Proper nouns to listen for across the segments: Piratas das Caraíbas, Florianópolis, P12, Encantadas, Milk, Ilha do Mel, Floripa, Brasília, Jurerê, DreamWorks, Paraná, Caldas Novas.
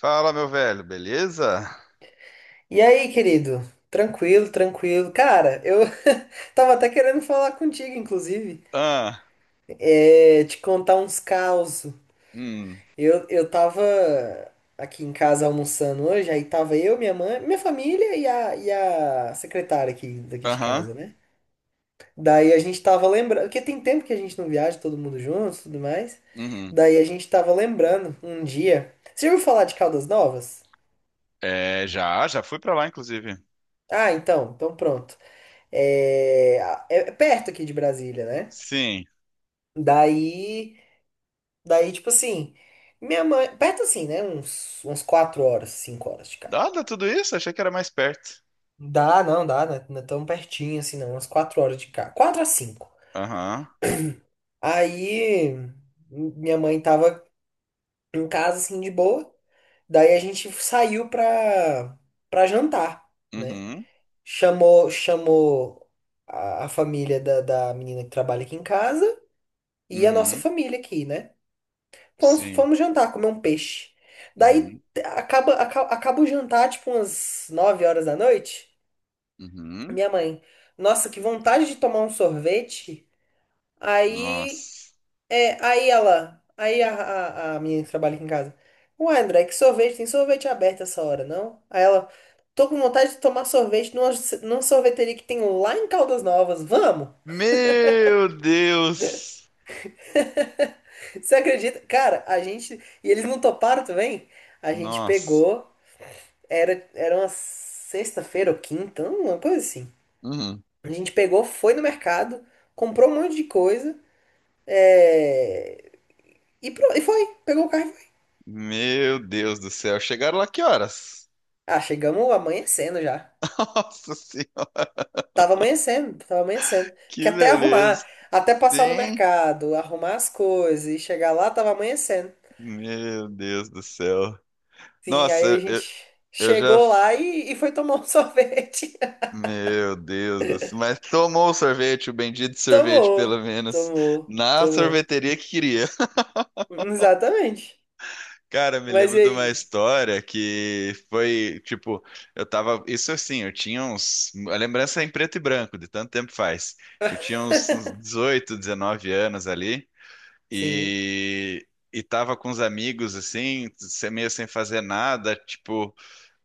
Fala, meu velho, beleza? E aí, querido? Tranquilo, tranquilo. Cara, eu tava até querendo falar contigo, inclusive. Ah, É, te contar uns caos. hum, Eu tava aqui em casa almoçando hoje, aí tava eu, minha mãe, minha família e a secretária aqui, daqui de aham, casa, né? Daí a gente tava lembrando, porque tem tempo que a gente não viaja, todo mundo junto e tudo mais. uhum. Daí a gente tava lembrando um dia. Você já ouviu falar de Caldas Novas? É, já fui pra lá, inclusive. Ah, então pronto. É, é perto aqui de Brasília, né? Sim. Daí, daí, tipo assim, minha mãe, perto assim, né? Uns 4 horas, 5 horas de carro. Dada tudo isso, achei que era mais perto. Dá, não, dá, né? Não é tão pertinho assim, não. Umas 4 horas de carro, 4 a 5. Aham, Aí, minha mãe tava em casa, assim, de boa. Daí a gente saiu pra jantar, né? uhum, Chamou a família da menina que trabalha aqui em casa e a nossa uhum, família aqui, né? Fomos, sim, fomos jantar, comer um peixe. Daí uhum, acaba o jantar, tipo, umas 9 horas da noite. uhum. Minha mãe, nossa, que vontade de tomar um sorvete. Aí, Nossa. é, aí ela, aí a menina que trabalha aqui em casa. Uai, André, que sorvete? Tem sorvete aberto essa hora, não? Aí ela, tô com vontade de tomar sorvete numa sorveteria que tem lá em Caldas Novas. Vamos? Meu Deus! Você acredita? Cara, a gente. E eles não toparam também? A gente Nossa. pegou. Era uma sexta-feira ou quinta, uma coisa assim. Uhum. A gente pegou, foi no mercado, comprou um monte de coisa, é, e foi. Pegou o carro e foi. Meu Deus do céu. Chegaram lá que horas? Ah, chegamos amanhecendo já. Nossa Senhora, Tava amanhecendo, tava amanhecendo. Porque que até arrumar, beleza. até passar no Sim. mercado, arrumar as coisas e chegar lá, tava amanhecendo. Meu Deus do céu. Sim, aí a Nossa, gente Eu já. chegou lá e foi tomar um sorvete. Meu Deus do céu. Mas tomou o sorvete, o bendito sorvete, pelo Tomou, menos, tomou, na tomou. sorveteria que queria. Exatamente. Cara, me Mas lembro e de uma aí? história que foi, tipo, eu tava. Isso assim, eu tinha uns. A lembrança é em preto e branco, de tanto tempo faz. Eu tinha uns 18, 19 anos ali. Sim. E. E tava com os amigos, assim, meio sem fazer nada, tipo.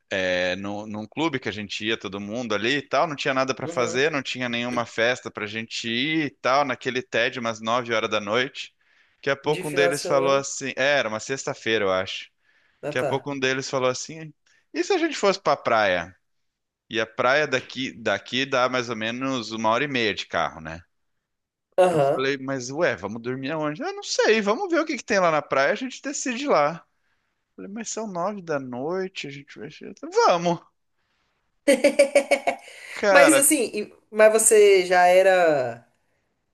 No, num clube que a gente ia, todo mundo ali e tal, não tinha nada para Uhum. fazer, não tinha nenhuma festa pra gente ir e tal, naquele TED, umas 9 horas da noite. Daqui a De pouco um final de deles falou semana? assim, era uma sexta-feira, eu acho. Ah, Daqui a tá. pouco um deles falou assim, e se a gente fosse pra praia? E a praia daqui, dá mais ou menos uma hora e meia de carro, né? Eu Aham. falei, mas ué, vamos dormir aonde? Ah, não sei, vamos ver o que que tem lá na praia, a gente decide lá. Falei, mas são 9 da noite, a gente vai. Vamos! Mas Cara, assim, mas você já era.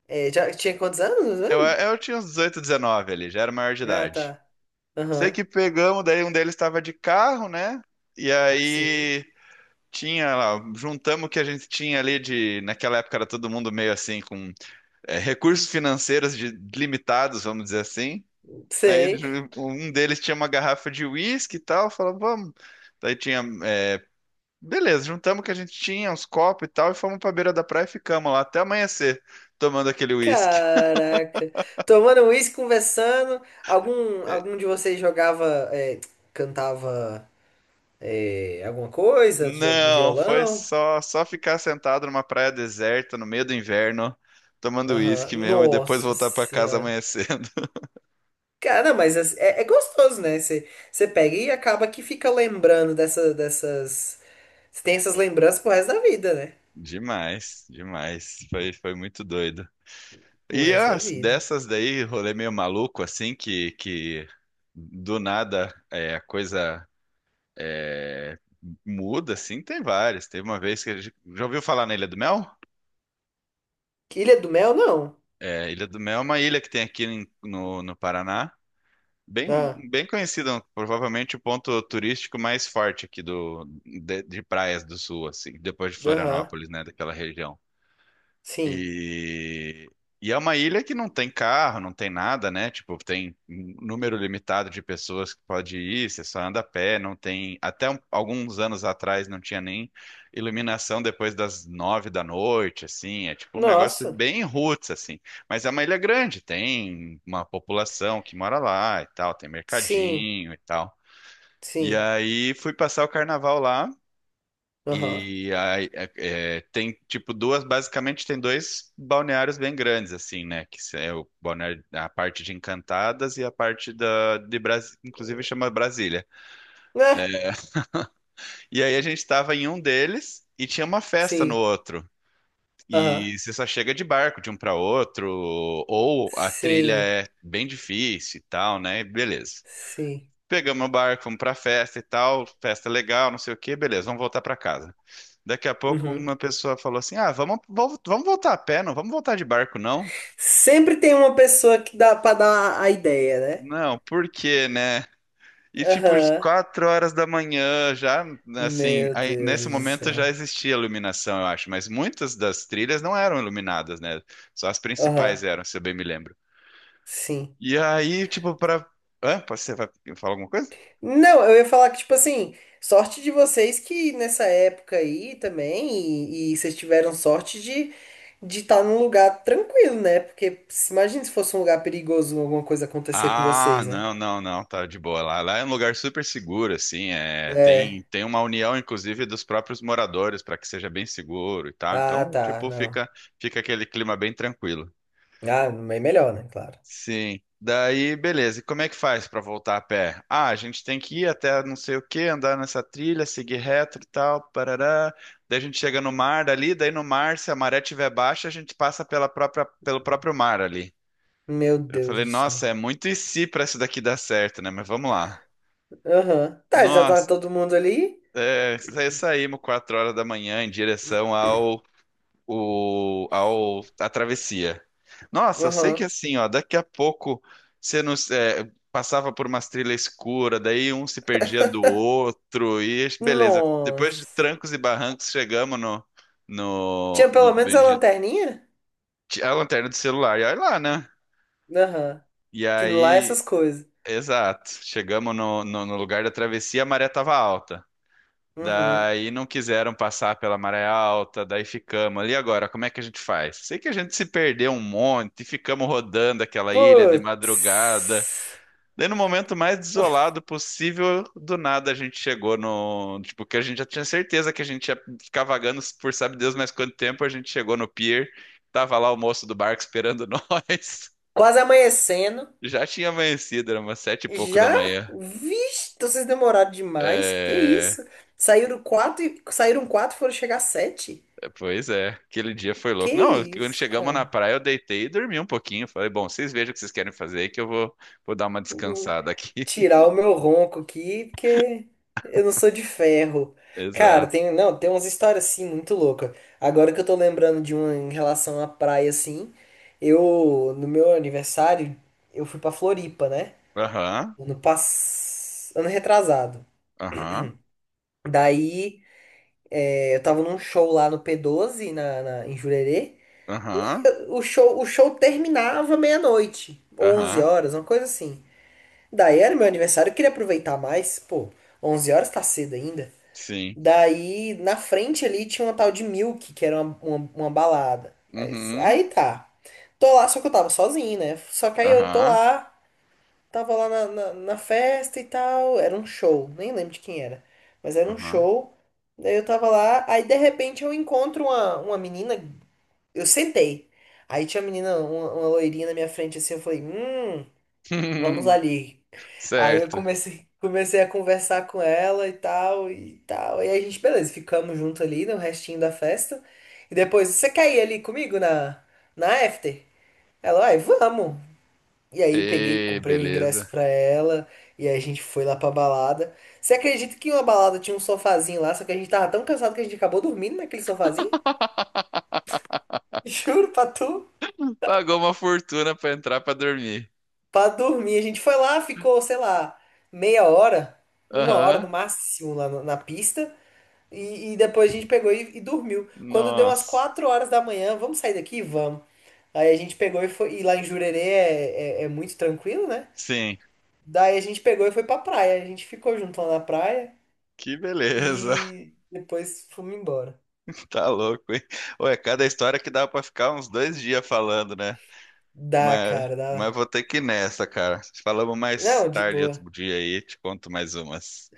É, já tinha quantos anos Eu, mesmo? eu tinha uns 18, 19 ali, já era maior de Ah, idade. tá. Sei Aham. que pegamos, daí um deles estava de carro, né? E Sim. aí tinha lá, juntamos o que a gente tinha ali de. Naquela época era todo mundo meio assim, com recursos financeiros limitados, vamos dizer assim. Aí ele Sei. Um deles tinha uma garrafa de uísque e tal, falou, vamos. Daí tinha. Beleza, juntamos o que a gente tinha, uns copos e tal, e fomos pra beira da praia e ficamos lá até amanhecer, tomando aquele uísque. Caraca. Tomando uísque, conversando. Algum, algum de vocês jogava, é, cantava, é, alguma coisa? Não, foi Violão? Só ficar sentado numa praia deserta no meio do inverno, tomando Aham. uísque mesmo e depois Nossa voltar pra casa senhora. amanhecendo. Cara, mas é gostoso, né? Você pega e acaba que fica lembrando dessa, dessas. Você tem essas lembranças pro resto da vida, né? Demais, demais. Foi muito doido. Pro E resto da as vida. dessas daí, rolê meio maluco assim que do nada a coisa é, muda assim, tem várias. Teve uma vez que já ouviu falar na Ilha do Mel? Que Ilha do Mel, não. É, Ilha do Mel é uma ilha que tem aqui no Paraná. Bem, Ah, bem conhecido, provavelmente o ponto turístico mais forte aqui do, de praias do sul, assim, depois de aham. Florianópolis, né, daquela região. Sim. E, e é uma ilha que não tem carro, não tem nada, né? Tipo, tem um número limitado de pessoas que pode ir, você só anda a pé, não tem. Até alguns anos atrás não tinha nem iluminação depois das 9 da noite, assim. É tipo um negócio Nossa. bem roots, assim. Mas é uma ilha grande, tem uma população que mora lá e tal, tem Sim. mercadinho e tal. E Sim. aí fui passar o carnaval lá. Aham. E aí, tem, tipo, duas, basicamente tem dois balneários bem grandes, assim, né? Que é o balneário, a parte de Encantadas e a parte de Brasília, inclusive chama Brasília. Né? E aí a gente estava em um deles e tinha uma festa no Sim. outro. Aham. E você só chega de barco de um para outro, ou a trilha Sim. é bem difícil e tal, né? E beleza. Sim. Pegamos o barco, fomos pra festa e tal, festa legal, não sei o quê, beleza, vamos voltar para casa. Daqui a pouco Uhum. uma pessoa falou assim: Ah, vamos voltar a pé, não vamos voltar de barco, não? Sempre tem uma pessoa que dá pra dar a ideia, né? Não, por quê, né? E tipo, às Aham. 4 horas da manhã, já assim, Meu aí, Deus nesse do momento céu. já existia iluminação, eu acho, mas muitas das trilhas não eram iluminadas, né? Só as principais Aham. eram, se eu bem me lembro. Sim. E aí, tipo, para. Hã? Você vai falar alguma coisa. Não, eu ia falar que, tipo assim, sorte de vocês que nessa época aí também, e vocês tiveram sorte de estar num lugar tranquilo, né? Porque imagina se fosse um lugar perigoso, alguma coisa acontecer com Ah, vocês, né? não, não, não, tá de boa. Lá é um lugar super seguro, assim. É, tem, É. tem uma união, inclusive, dos próprios moradores para que seja bem seguro e tal. Ah, Então, tá, tipo, não. fica aquele clima bem tranquilo. Ah, é melhor, né? Claro. Sim. Daí, beleza. E como é que faz para voltar a pé? Ah, a gente tem que ir até não sei o que, andar nessa trilha, seguir reto e tal, parará. Daí a gente chega no mar dali, daí no mar, se a maré tiver baixa, a gente passa pela própria, pelo próprio mar ali. Meu Eu Deus falei, do nossa, céu. é muito e se para isso daqui dar certo, né? Mas vamos lá. Aham. Tá, já tá Nós todo mundo ali? é, saímos 4 horas da manhã em direção ao, o, ao à travessia. Nossa, eu sei que Aham. assim, ó, daqui a pouco você nos, passava por umas trilhas escuras, daí um se perdia do outro, e beleza. Depois de Nossa. trancos e barrancos, chegamos no, Tinha no, pelo no menos a lanterninha? A lanterna do celular, e olha lá, né? Aham. E Que lá é aí, essas coisas. exato, chegamos no lugar da travessia, a maré tava alta. Uhum. Daí não quiseram passar pela maré alta, daí ficamos ali agora, como é que a gente faz? Sei que a gente se perdeu um monte, ficamos rodando aquela ilha de madrugada. Putz. Daí no momento mais desolado possível, do nada a gente chegou no, tipo, que a gente já tinha certeza que a gente ia ficar vagando por sabe Deus mais quanto tempo, a gente chegou no pier, tava lá o moço do barco esperando nós. Quase amanhecendo. Já tinha amanhecido, era umas sete e pouco da Já? manhã. Vixe, então vocês demoraram demais. Que É, isso? Saíram quatro, e foram chegar sete. Pois é, aquele dia foi Que louco. Não, quando isso, chegamos na cara? praia, eu deitei e dormi um pouquinho. Falei, bom, vocês vejam o que vocês querem fazer aí que eu vou dar uma Hum, descansada aqui. Tirar o meu ronco aqui, porque eu não sou de ferro. Cara, Exato. tem, não, tem umas histórias assim muito loucas. Agora que eu tô lembrando de uma em relação à praia assim, eu no meu aniversário eu fui pra Floripa, né? Aham, Ano pass... ano retrasado. aham, Daí eu tava num show lá no P12, em Jurerê. aham, O show terminava meia-noite, onze aham, horas, uma coisa assim. Daí era meu aniversário, eu queria aproveitar mais. Pô, 11 horas tá cedo ainda. sim. Daí, na frente ali, tinha uma tal de Milk, que era uma balada. Mas Uhum, aí tá. Tô lá, só que eu tava sozinho, né? Só que aí eu tô aham, lá. Tava lá na festa e tal, era um show, nem lembro de quem era, mas era um aham. show. Daí eu tava lá, aí de repente eu encontro uma menina, eu sentei. Aí tinha uma menina, uma loirinha na minha frente assim, eu falei, vamos ali. Aí eu Certo. comecei a conversar com ela e tal, e tal. E aí a gente, beleza, ficamos junto ali no restinho da festa. E depois, você quer ir ali comigo na after? Ela, ai, vamos. E aí peguei, E comprei o ingresso beleza. pra ela e aí a gente foi lá pra balada. Você acredita que uma balada tinha um sofazinho lá, só que a gente tava tão cansado que a gente acabou dormindo naquele sofazinho? Juro pra tu, Pagou uma fortuna pra entrar pra dormir. pra dormir. A gente foi lá, ficou, sei lá, meia hora, uma hora no Aham, máximo lá na pista e depois a gente pegou e dormiu. Quando deu umas nossa. 4 horas da manhã, vamos sair daqui? Vamos. Aí a gente pegou e foi, e lá em Jurerê é muito tranquilo, né? Sim, Daí a gente pegou e foi pra praia. A gente ficou junto lá na praia. que beleza. E depois fomos embora. Tá louco, hein? Ou é cada história que dá pra ficar uns dois dias falando, né? Dá, Mas, cara, mas dá. vou ter que ir nessa, cara. Falamos mais Não, de tarde boa. outro dia aí, te conto mais umas.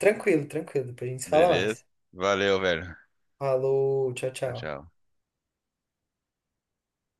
Tranquilo, tranquilo. Depois a gente se fala Beleza? mais. Valeu, velho. Falou, tchau, Tchau, tchau. tchau.